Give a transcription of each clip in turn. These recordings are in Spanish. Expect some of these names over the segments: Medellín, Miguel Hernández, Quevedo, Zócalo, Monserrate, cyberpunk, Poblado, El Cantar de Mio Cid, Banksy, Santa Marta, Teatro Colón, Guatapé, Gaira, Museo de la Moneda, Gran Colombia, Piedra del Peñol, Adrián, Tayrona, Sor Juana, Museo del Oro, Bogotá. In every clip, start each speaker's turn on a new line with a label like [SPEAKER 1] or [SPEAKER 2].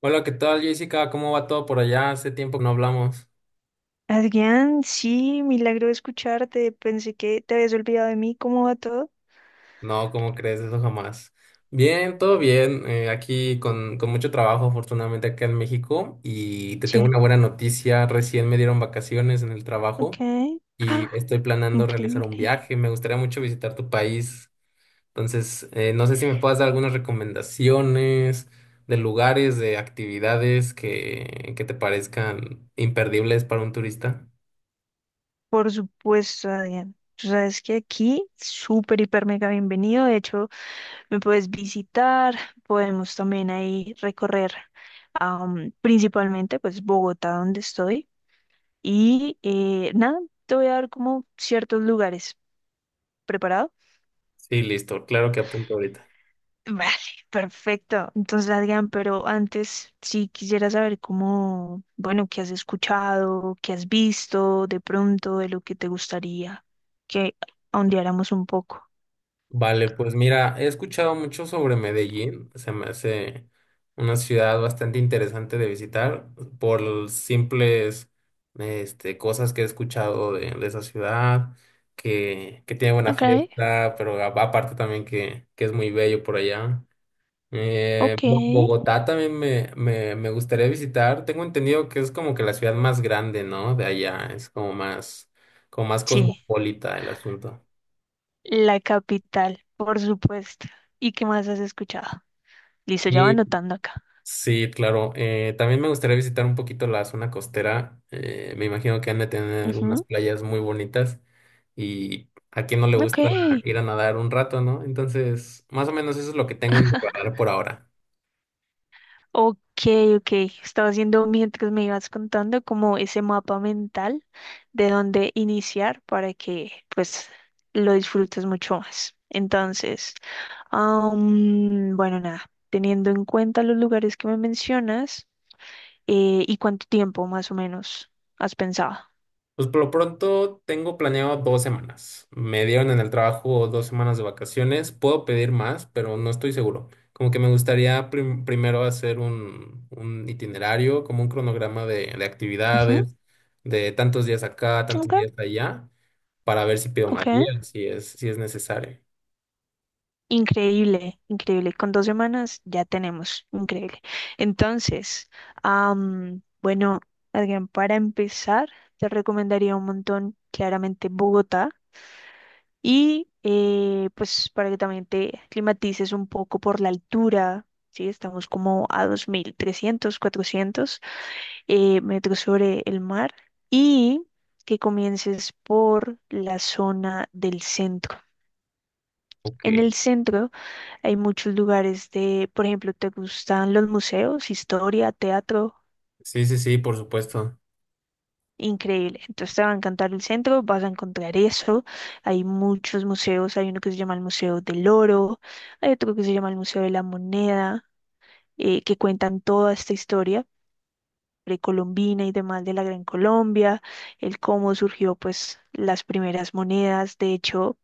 [SPEAKER 1] Hola, ¿qué tal, Jessica? ¿Cómo va todo por allá? Hace tiempo que no hablamos.
[SPEAKER 2] Adrián, sí, milagro de escucharte. Pensé que te habías olvidado de mí. ¿Cómo va todo?
[SPEAKER 1] No, ¿cómo crees? Eso jamás. Bien, todo bien. Aquí con mucho trabajo, afortunadamente, acá en México. Y te tengo
[SPEAKER 2] Sí,
[SPEAKER 1] una buena noticia. Recién me dieron vacaciones en el trabajo
[SPEAKER 2] ok.
[SPEAKER 1] y
[SPEAKER 2] ¡Ah!
[SPEAKER 1] estoy planeando realizar un
[SPEAKER 2] Increíble.
[SPEAKER 1] viaje. Me gustaría mucho visitar tu país. Entonces, no sé si me puedas dar algunas recomendaciones de lugares, de actividades que te parezcan imperdibles para un turista.
[SPEAKER 2] Por supuesto, Adrián. Tú sabes que aquí, súper, hiper, mega bienvenido. De hecho, me puedes visitar. Podemos también ahí recorrer, principalmente, pues, Bogotá, donde estoy. Y nada, te voy a dar como ciertos lugares. Preparado.
[SPEAKER 1] Sí, listo. Claro que apunto ahorita.
[SPEAKER 2] Vale, perfecto. Entonces, Adrián, pero antes sí quisiera saber cómo, bueno, qué has escuchado, qué has visto, de pronto, de lo que te gustaría que ahondeáramos un poco.
[SPEAKER 1] Vale, pues mira, he escuchado mucho sobre Medellín, se me hace una ciudad bastante interesante de visitar por los simples este, cosas que he escuchado de esa ciudad, que tiene buena
[SPEAKER 2] Ok,
[SPEAKER 1] fiesta, pero aparte también que es muy bello por allá.
[SPEAKER 2] ok.
[SPEAKER 1] Bogotá también me gustaría visitar, tengo entendido que es como que la ciudad más grande, ¿no? De allá, es como más
[SPEAKER 2] Sí,
[SPEAKER 1] cosmopolita el asunto.
[SPEAKER 2] la capital, por supuesto. ¿Y qué más has escuchado? Listo, ya va anotando acá.
[SPEAKER 1] Sí, claro. También me gustaría visitar un poquito la zona costera. Me imagino que han de tener unas
[SPEAKER 2] Ujú.
[SPEAKER 1] playas muy bonitas y a quien no le
[SPEAKER 2] Ok.
[SPEAKER 1] gusta ir a nadar un rato, ¿no? Entonces, más o menos eso es lo que tengo en mi radar por ahora.
[SPEAKER 2] Ok, ok. Estaba haciendo mientras me ibas contando como ese mapa mental de dónde iniciar para que pues lo disfrutes mucho más. Entonces, bueno, nada, teniendo en cuenta los lugares que me mencionas y cuánto tiempo más o menos has pensado.
[SPEAKER 1] Pues por lo pronto tengo planeado 2 semanas. Me dieron en el trabajo 2 semanas de vacaciones. Puedo pedir más, pero no estoy seguro. Como que me gustaría primero hacer un itinerario, como un cronograma de
[SPEAKER 2] Ujú.
[SPEAKER 1] actividades, de tantos días acá, tantos
[SPEAKER 2] Ok,
[SPEAKER 1] días allá, para ver si pido
[SPEAKER 2] ok.
[SPEAKER 1] más días, si es necesario.
[SPEAKER 2] Increíble, increíble. Con 2 semanas ya tenemos, increíble. Entonces, bueno, Adrián, para empezar, te recomendaría un montón, claramente, Bogotá. Y pues para que también te climatices un poco por la altura, ¿sí? Estamos como a 2.300, 400 metros sobre el mar. Y que comiences por la zona del centro.
[SPEAKER 1] Ok.
[SPEAKER 2] En el centro hay muchos lugares de, por ejemplo, te gustan los museos, historia, teatro,
[SPEAKER 1] Sí, sí, sí, por supuesto.
[SPEAKER 2] increíble. Entonces te va a encantar el centro, vas a encontrar eso. Hay muchos museos, hay uno que se llama el Museo del Oro, hay otro que se llama el Museo de la Moneda, que cuentan toda esta historia precolombina y demás de la Gran Colombia, el cómo surgió pues las primeras monedas. De hecho,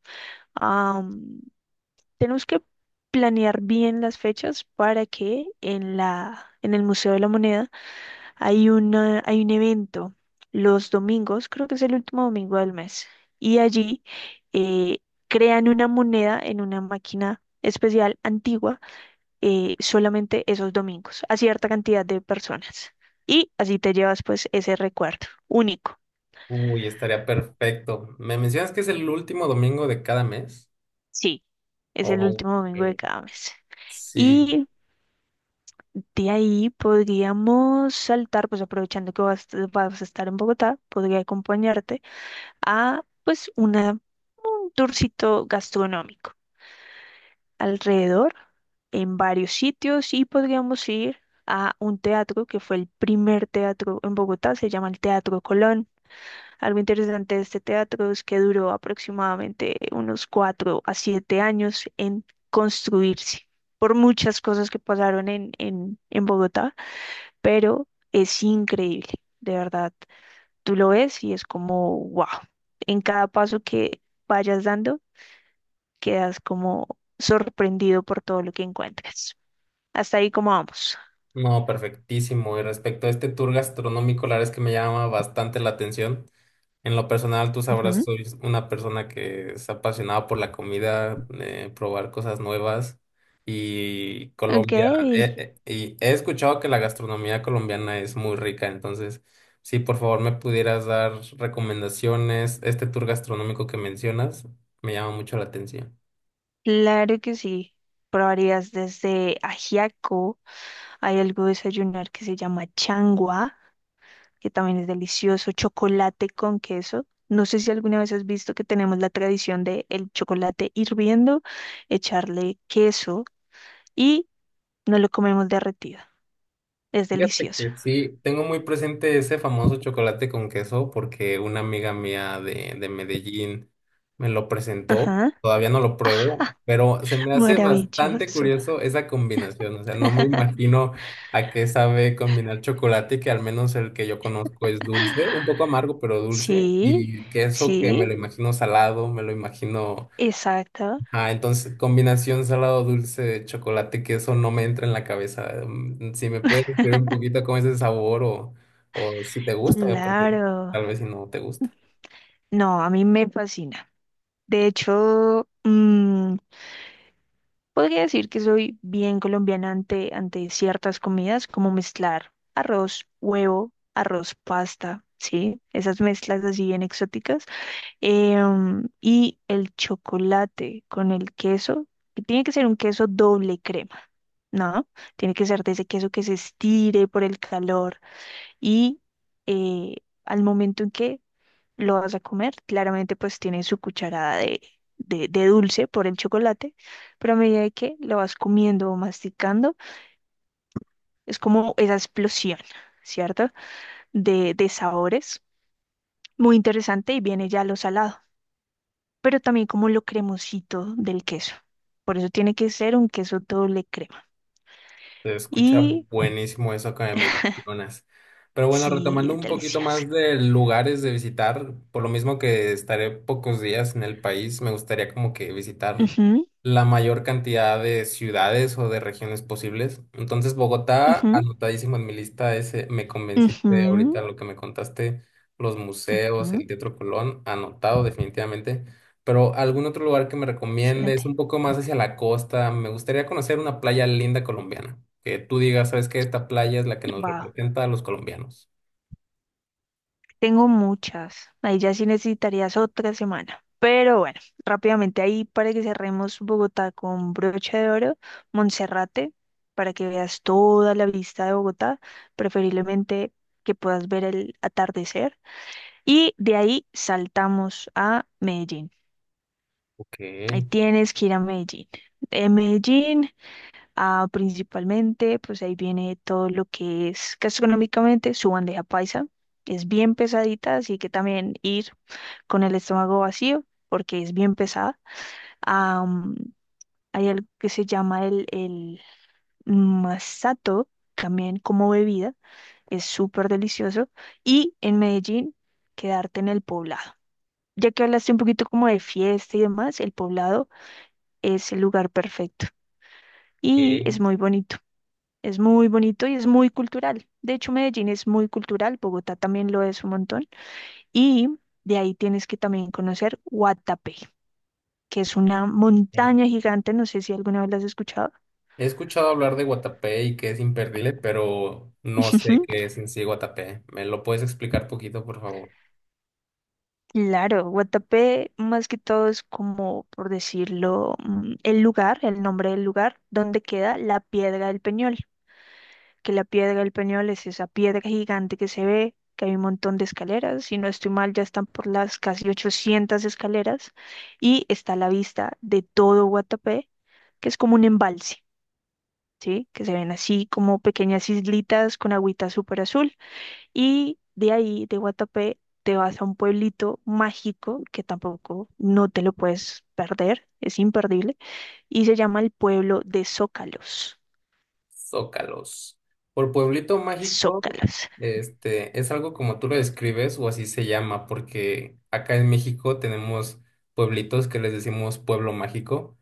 [SPEAKER 2] tenemos que planear bien las fechas para que en la, en el Museo de la Moneda hay una, hay un evento los domingos, creo que es el último domingo del mes, y allí eh, crean una moneda en una máquina especial antigua, solamente esos domingos a cierta cantidad de personas. Y así te llevas pues ese recuerdo único.
[SPEAKER 1] Uy, estaría perfecto. ¿Me mencionas que es el último domingo de cada mes?
[SPEAKER 2] Sí, es el último
[SPEAKER 1] Ok.
[SPEAKER 2] domingo de cada mes.
[SPEAKER 1] Sí.
[SPEAKER 2] Y de ahí podríamos saltar, pues aprovechando que vas, vas a estar en Bogotá, podría acompañarte a pues una, un tourcito gastronómico alrededor en varios sitios y podríamos ir a un teatro que fue el primer teatro en Bogotá, se llama el Teatro Colón. Algo interesante de este teatro es que duró aproximadamente unos cuatro a siete años en construirse por muchas cosas que pasaron en, en Bogotá, pero es increíble, de verdad. Tú lo ves y es como, wow. En cada paso que vayas dando, quedas como sorprendido por todo lo que encuentras. Hasta ahí como vamos.
[SPEAKER 1] No, perfectísimo. Y respecto a este tour gastronómico, la verdad es que me llama bastante la atención. En lo personal, tú sabrás,
[SPEAKER 2] Ujú.
[SPEAKER 1] soy una persona que es apasionada por la comida, probar cosas nuevas. Y
[SPEAKER 2] Ok,
[SPEAKER 1] Colombia, y he escuchado que la gastronomía colombiana es muy rica. Entonces, si por favor me pudieras dar recomendaciones, este tour gastronómico que mencionas, me llama mucho la atención.
[SPEAKER 2] claro que sí. Probarías desde ajiaco, hay algo de desayunar que se llama changua, que también es delicioso, chocolate con queso. No sé si alguna vez has visto que tenemos la tradición de el chocolate hirviendo, echarle queso y no lo comemos derretido. Es
[SPEAKER 1] Fíjate
[SPEAKER 2] delicioso.
[SPEAKER 1] que sí, tengo muy presente ese famoso chocolate con queso porque una amiga mía de Medellín me lo presentó.
[SPEAKER 2] Ajá.
[SPEAKER 1] Todavía no lo
[SPEAKER 2] Ah,
[SPEAKER 1] pruebo, pero se me hace bastante
[SPEAKER 2] maravilloso.
[SPEAKER 1] curioso esa combinación. O sea, no me imagino a qué sabe combinar chocolate, que al menos el que yo conozco es dulce, un poco amargo, pero dulce,
[SPEAKER 2] Sí,
[SPEAKER 1] y queso que me lo
[SPEAKER 2] sí,
[SPEAKER 1] imagino salado, me lo imagino.
[SPEAKER 2] exacto.
[SPEAKER 1] Ah, entonces combinación salado dulce de chocolate, que eso no me entra en la cabeza. Si me puedes describir un poquito cómo es el sabor o si te gusta, porque
[SPEAKER 2] Claro.
[SPEAKER 1] tal vez si no te gusta.
[SPEAKER 2] No, a mí me fascina. De hecho, podría decir que soy bien colombiana ante ciertas comidas, como mezclar arroz, huevo, arroz, pasta, ¿sí? Esas mezclas así bien exóticas. Y el chocolate con el queso, que tiene que ser un queso doble crema, ¿no? Tiene que ser de ese queso que se estire por el calor y eh, al momento en que lo vas a comer, claramente pues tiene su cucharada de, de dulce por el chocolate, pero a medida de que lo vas comiendo o masticando, es como esa explosión, ¿cierto? De sabores. Muy interesante y viene ya lo salado, pero también como lo cremosito del queso. Por eso tiene que ser un queso doble crema.
[SPEAKER 1] Se escucha
[SPEAKER 2] Y
[SPEAKER 1] buenísimo eso que me mencionas. Pero bueno,
[SPEAKER 2] sí,
[SPEAKER 1] retomando
[SPEAKER 2] es
[SPEAKER 1] un poquito
[SPEAKER 2] delicioso.
[SPEAKER 1] más de lugares de visitar, por lo mismo que estaré pocos días en el país, me gustaría como que visitar
[SPEAKER 2] Ujú,
[SPEAKER 1] la mayor cantidad de ciudades o de regiones posibles. Entonces, Bogotá,
[SPEAKER 2] ujú,
[SPEAKER 1] anotadísimo en mi lista, ese me convenciste ahorita
[SPEAKER 2] ujú,
[SPEAKER 1] lo que me contaste, los museos,
[SPEAKER 2] ujú.
[SPEAKER 1] el Teatro Colón, anotado definitivamente. Pero algún otro lugar que me recomiendes,
[SPEAKER 2] Excelente.
[SPEAKER 1] un poco más hacia la costa, me gustaría conocer una playa linda colombiana. Que tú digas, ¿sabes qué? Esta playa es la que nos
[SPEAKER 2] Wow.
[SPEAKER 1] representa a los colombianos.
[SPEAKER 2] Tengo muchas. Ahí ya sí necesitarías otra semana. Pero bueno, rápidamente ahí para que cerremos Bogotá con broche de oro, Monserrate, para que veas toda la vista de Bogotá, preferiblemente que puedas ver el atardecer. Y de ahí saltamos a Medellín. Ahí
[SPEAKER 1] Ok.
[SPEAKER 2] tienes que ir a Medellín. En Medellín, ah, principalmente, pues ahí viene todo lo que es gastronómicamente su bandeja paisa. Es bien pesadita, así que también ir con el estómago vacío, porque es bien pesada. Am, Hay algo que se llama el masato, también como bebida. Es súper delicioso. Y en Medellín, quedarte en el poblado. Ya que hablaste un poquito como de fiesta y demás, el Poblado es el lugar perfecto y
[SPEAKER 1] Ok.
[SPEAKER 2] es muy bonito. Es muy bonito y es muy cultural. De hecho, Medellín es muy cultural, Bogotá también lo es un montón. Y de ahí tienes que también conocer Guatapé, que es una
[SPEAKER 1] Mm.
[SPEAKER 2] montaña gigante, no sé si alguna vez la has escuchado.
[SPEAKER 1] He escuchado hablar de Guatapé y que es imperdible, pero no sé
[SPEAKER 2] Ujú.
[SPEAKER 1] qué es en sí Guatapé. ¿Me lo puedes explicar poquito, por favor?
[SPEAKER 2] Claro, Guatapé más que todo es como, por decirlo, el lugar, el nombre del lugar donde queda la Piedra del Peñol. Que la piedra del Peñol es esa piedra gigante que se ve, que hay un montón de escaleras, si no estoy mal, ya están por las casi 800 escaleras, y está a la vista de todo Guatapé, que es como un embalse, ¿sí? Que se ven así como pequeñas islitas con agüita súper azul, y de ahí, de Guatapé, te vas a un pueblito mágico que tampoco no te lo puedes perder, es imperdible, y se llama el pueblo de Zócalos.
[SPEAKER 1] Zócalos. Por pueblito mágico,
[SPEAKER 2] Zócalos.
[SPEAKER 1] este, es algo como tú lo describes o así se llama, porque acá en México tenemos pueblitos que les decimos pueblo mágico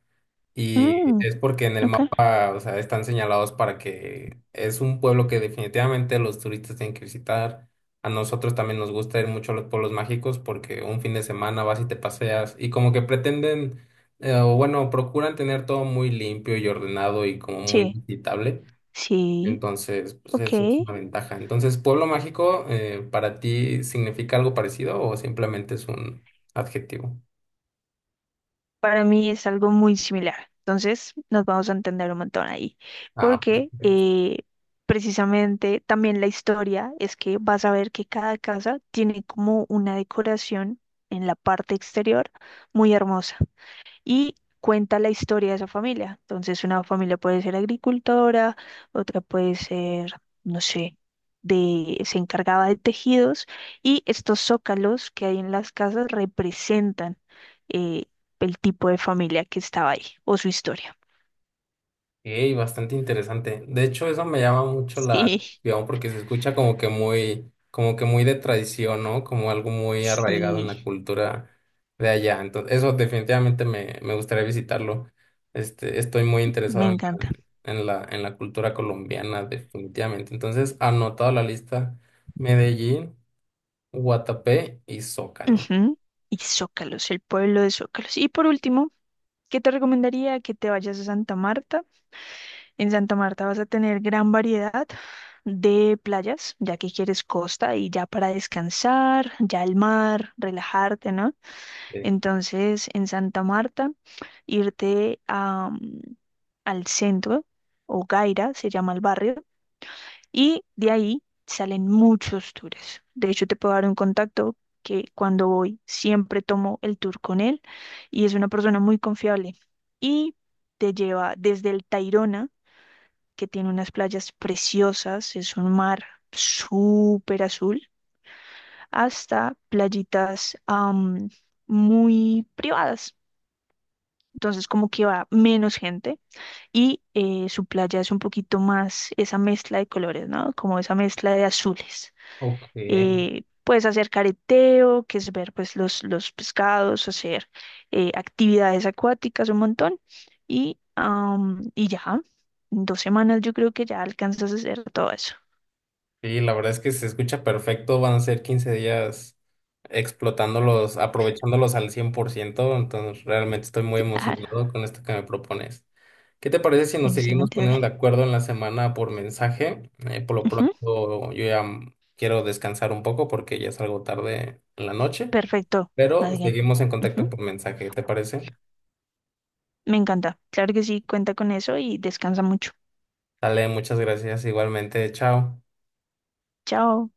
[SPEAKER 1] y
[SPEAKER 2] Mm,
[SPEAKER 1] es porque en el
[SPEAKER 2] ok.
[SPEAKER 1] mapa, o sea, están señalados para que es un pueblo que definitivamente los turistas tienen que visitar. A nosotros también nos gusta ir mucho a los pueblos mágicos porque un fin de semana vas y te paseas y como que pretenden, o bueno, procuran tener todo muy limpio y ordenado y como muy
[SPEAKER 2] Sí,
[SPEAKER 1] visitable.
[SPEAKER 2] sí,
[SPEAKER 1] Entonces, pues
[SPEAKER 2] ok.
[SPEAKER 1] eso es una ventaja. Entonces, pueblo mágico, ¿para ti significa algo parecido o simplemente es un adjetivo?
[SPEAKER 2] Para mí es algo muy similar. Entonces nos vamos a entender un montón ahí.
[SPEAKER 1] Ah,
[SPEAKER 2] Porque precisamente también la historia es que vas a ver que cada casa tiene como una decoración en la parte exterior muy hermosa, y cuenta la historia de esa familia. Entonces, una familia puede ser agricultora, otra puede ser, no sé, de, se encargaba de tejidos y estos zócalos que hay en las casas representan eh, el tipo de familia que estaba ahí o su historia.
[SPEAKER 1] ok, bastante interesante. De hecho, eso me llama mucho la
[SPEAKER 2] Sí,
[SPEAKER 1] atención porque se escucha como que muy de tradición, ¿no? Como algo muy arraigado en
[SPEAKER 2] sí,
[SPEAKER 1] la cultura de allá. Entonces, eso definitivamente me gustaría visitarlo. Este, estoy muy
[SPEAKER 2] me
[SPEAKER 1] interesado
[SPEAKER 2] encanta.
[SPEAKER 1] en la cultura colombiana, definitivamente. Entonces, anotado la lista. Medellín. Guatapé y Zócalo.
[SPEAKER 2] Ujú. Y Zócalos, el pueblo de Zócalos. Y por último, ¿qué te recomendaría que te vayas a Santa Marta? En Santa Marta vas a tener gran variedad de playas, ya que quieres costa y ya para descansar, ya el mar, relajarte, ¿no?
[SPEAKER 1] Sí.
[SPEAKER 2] Entonces, en Santa Marta, irte a, al centro, o Gaira se llama el barrio, y de ahí salen muchos tours. De hecho, te puedo dar un contacto que cuando voy siempre tomo el tour con él y es una persona muy confiable. Y te lleva desde el Tayrona, que tiene unas playas preciosas, es un mar súper azul, hasta playitas, muy privadas. Entonces como que va menos gente y su playa es un poquito más esa mezcla de colores, ¿no? Como esa mezcla de azules.
[SPEAKER 1] Ok.
[SPEAKER 2] Puedes hacer careteo, que es ver pues los pescados, hacer actividades acuáticas un montón y, y ya, en 2 semanas yo creo que ya alcanzas a hacer todo eso.
[SPEAKER 1] Sí, la verdad es que se escucha perfecto. Van a ser 15 días explotándolos, aprovechándolos al 100%. Entonces, realmente estoy muy
[SPEAKER 2] Claro,
[SPEAKER 1] emocionado con esto que me propones. ¿Qué te parece si nos seguimos
[SPEAKER 2] excelente, Adrián.
[SPEAKER 1] poniendo de acuerdo en la semana por mensaje? Por lo
[SPEAKER 2] Ujú,
[SPEAKER 1] pronto, yo ya quiero descansar un poco porque ya es algo tarde en la noche,
[SPEAKER 2] perfecto,
[SPEAKER 1] pero
[SPEAKER 2] Adrián.
[SPEAKER 1] seguimos en
[SPEAKER 2] Ujú,
[SPEAKER 1] contacto por mensaje. ¿Te parece?
[SPEAKER 2] me encanta. Claro que sí, cuenta con eso y descansa mucho.
[SPEAKER 1] Dale, muchas gracias. Igualmente, chao.
[SPEAKER 2] Chao.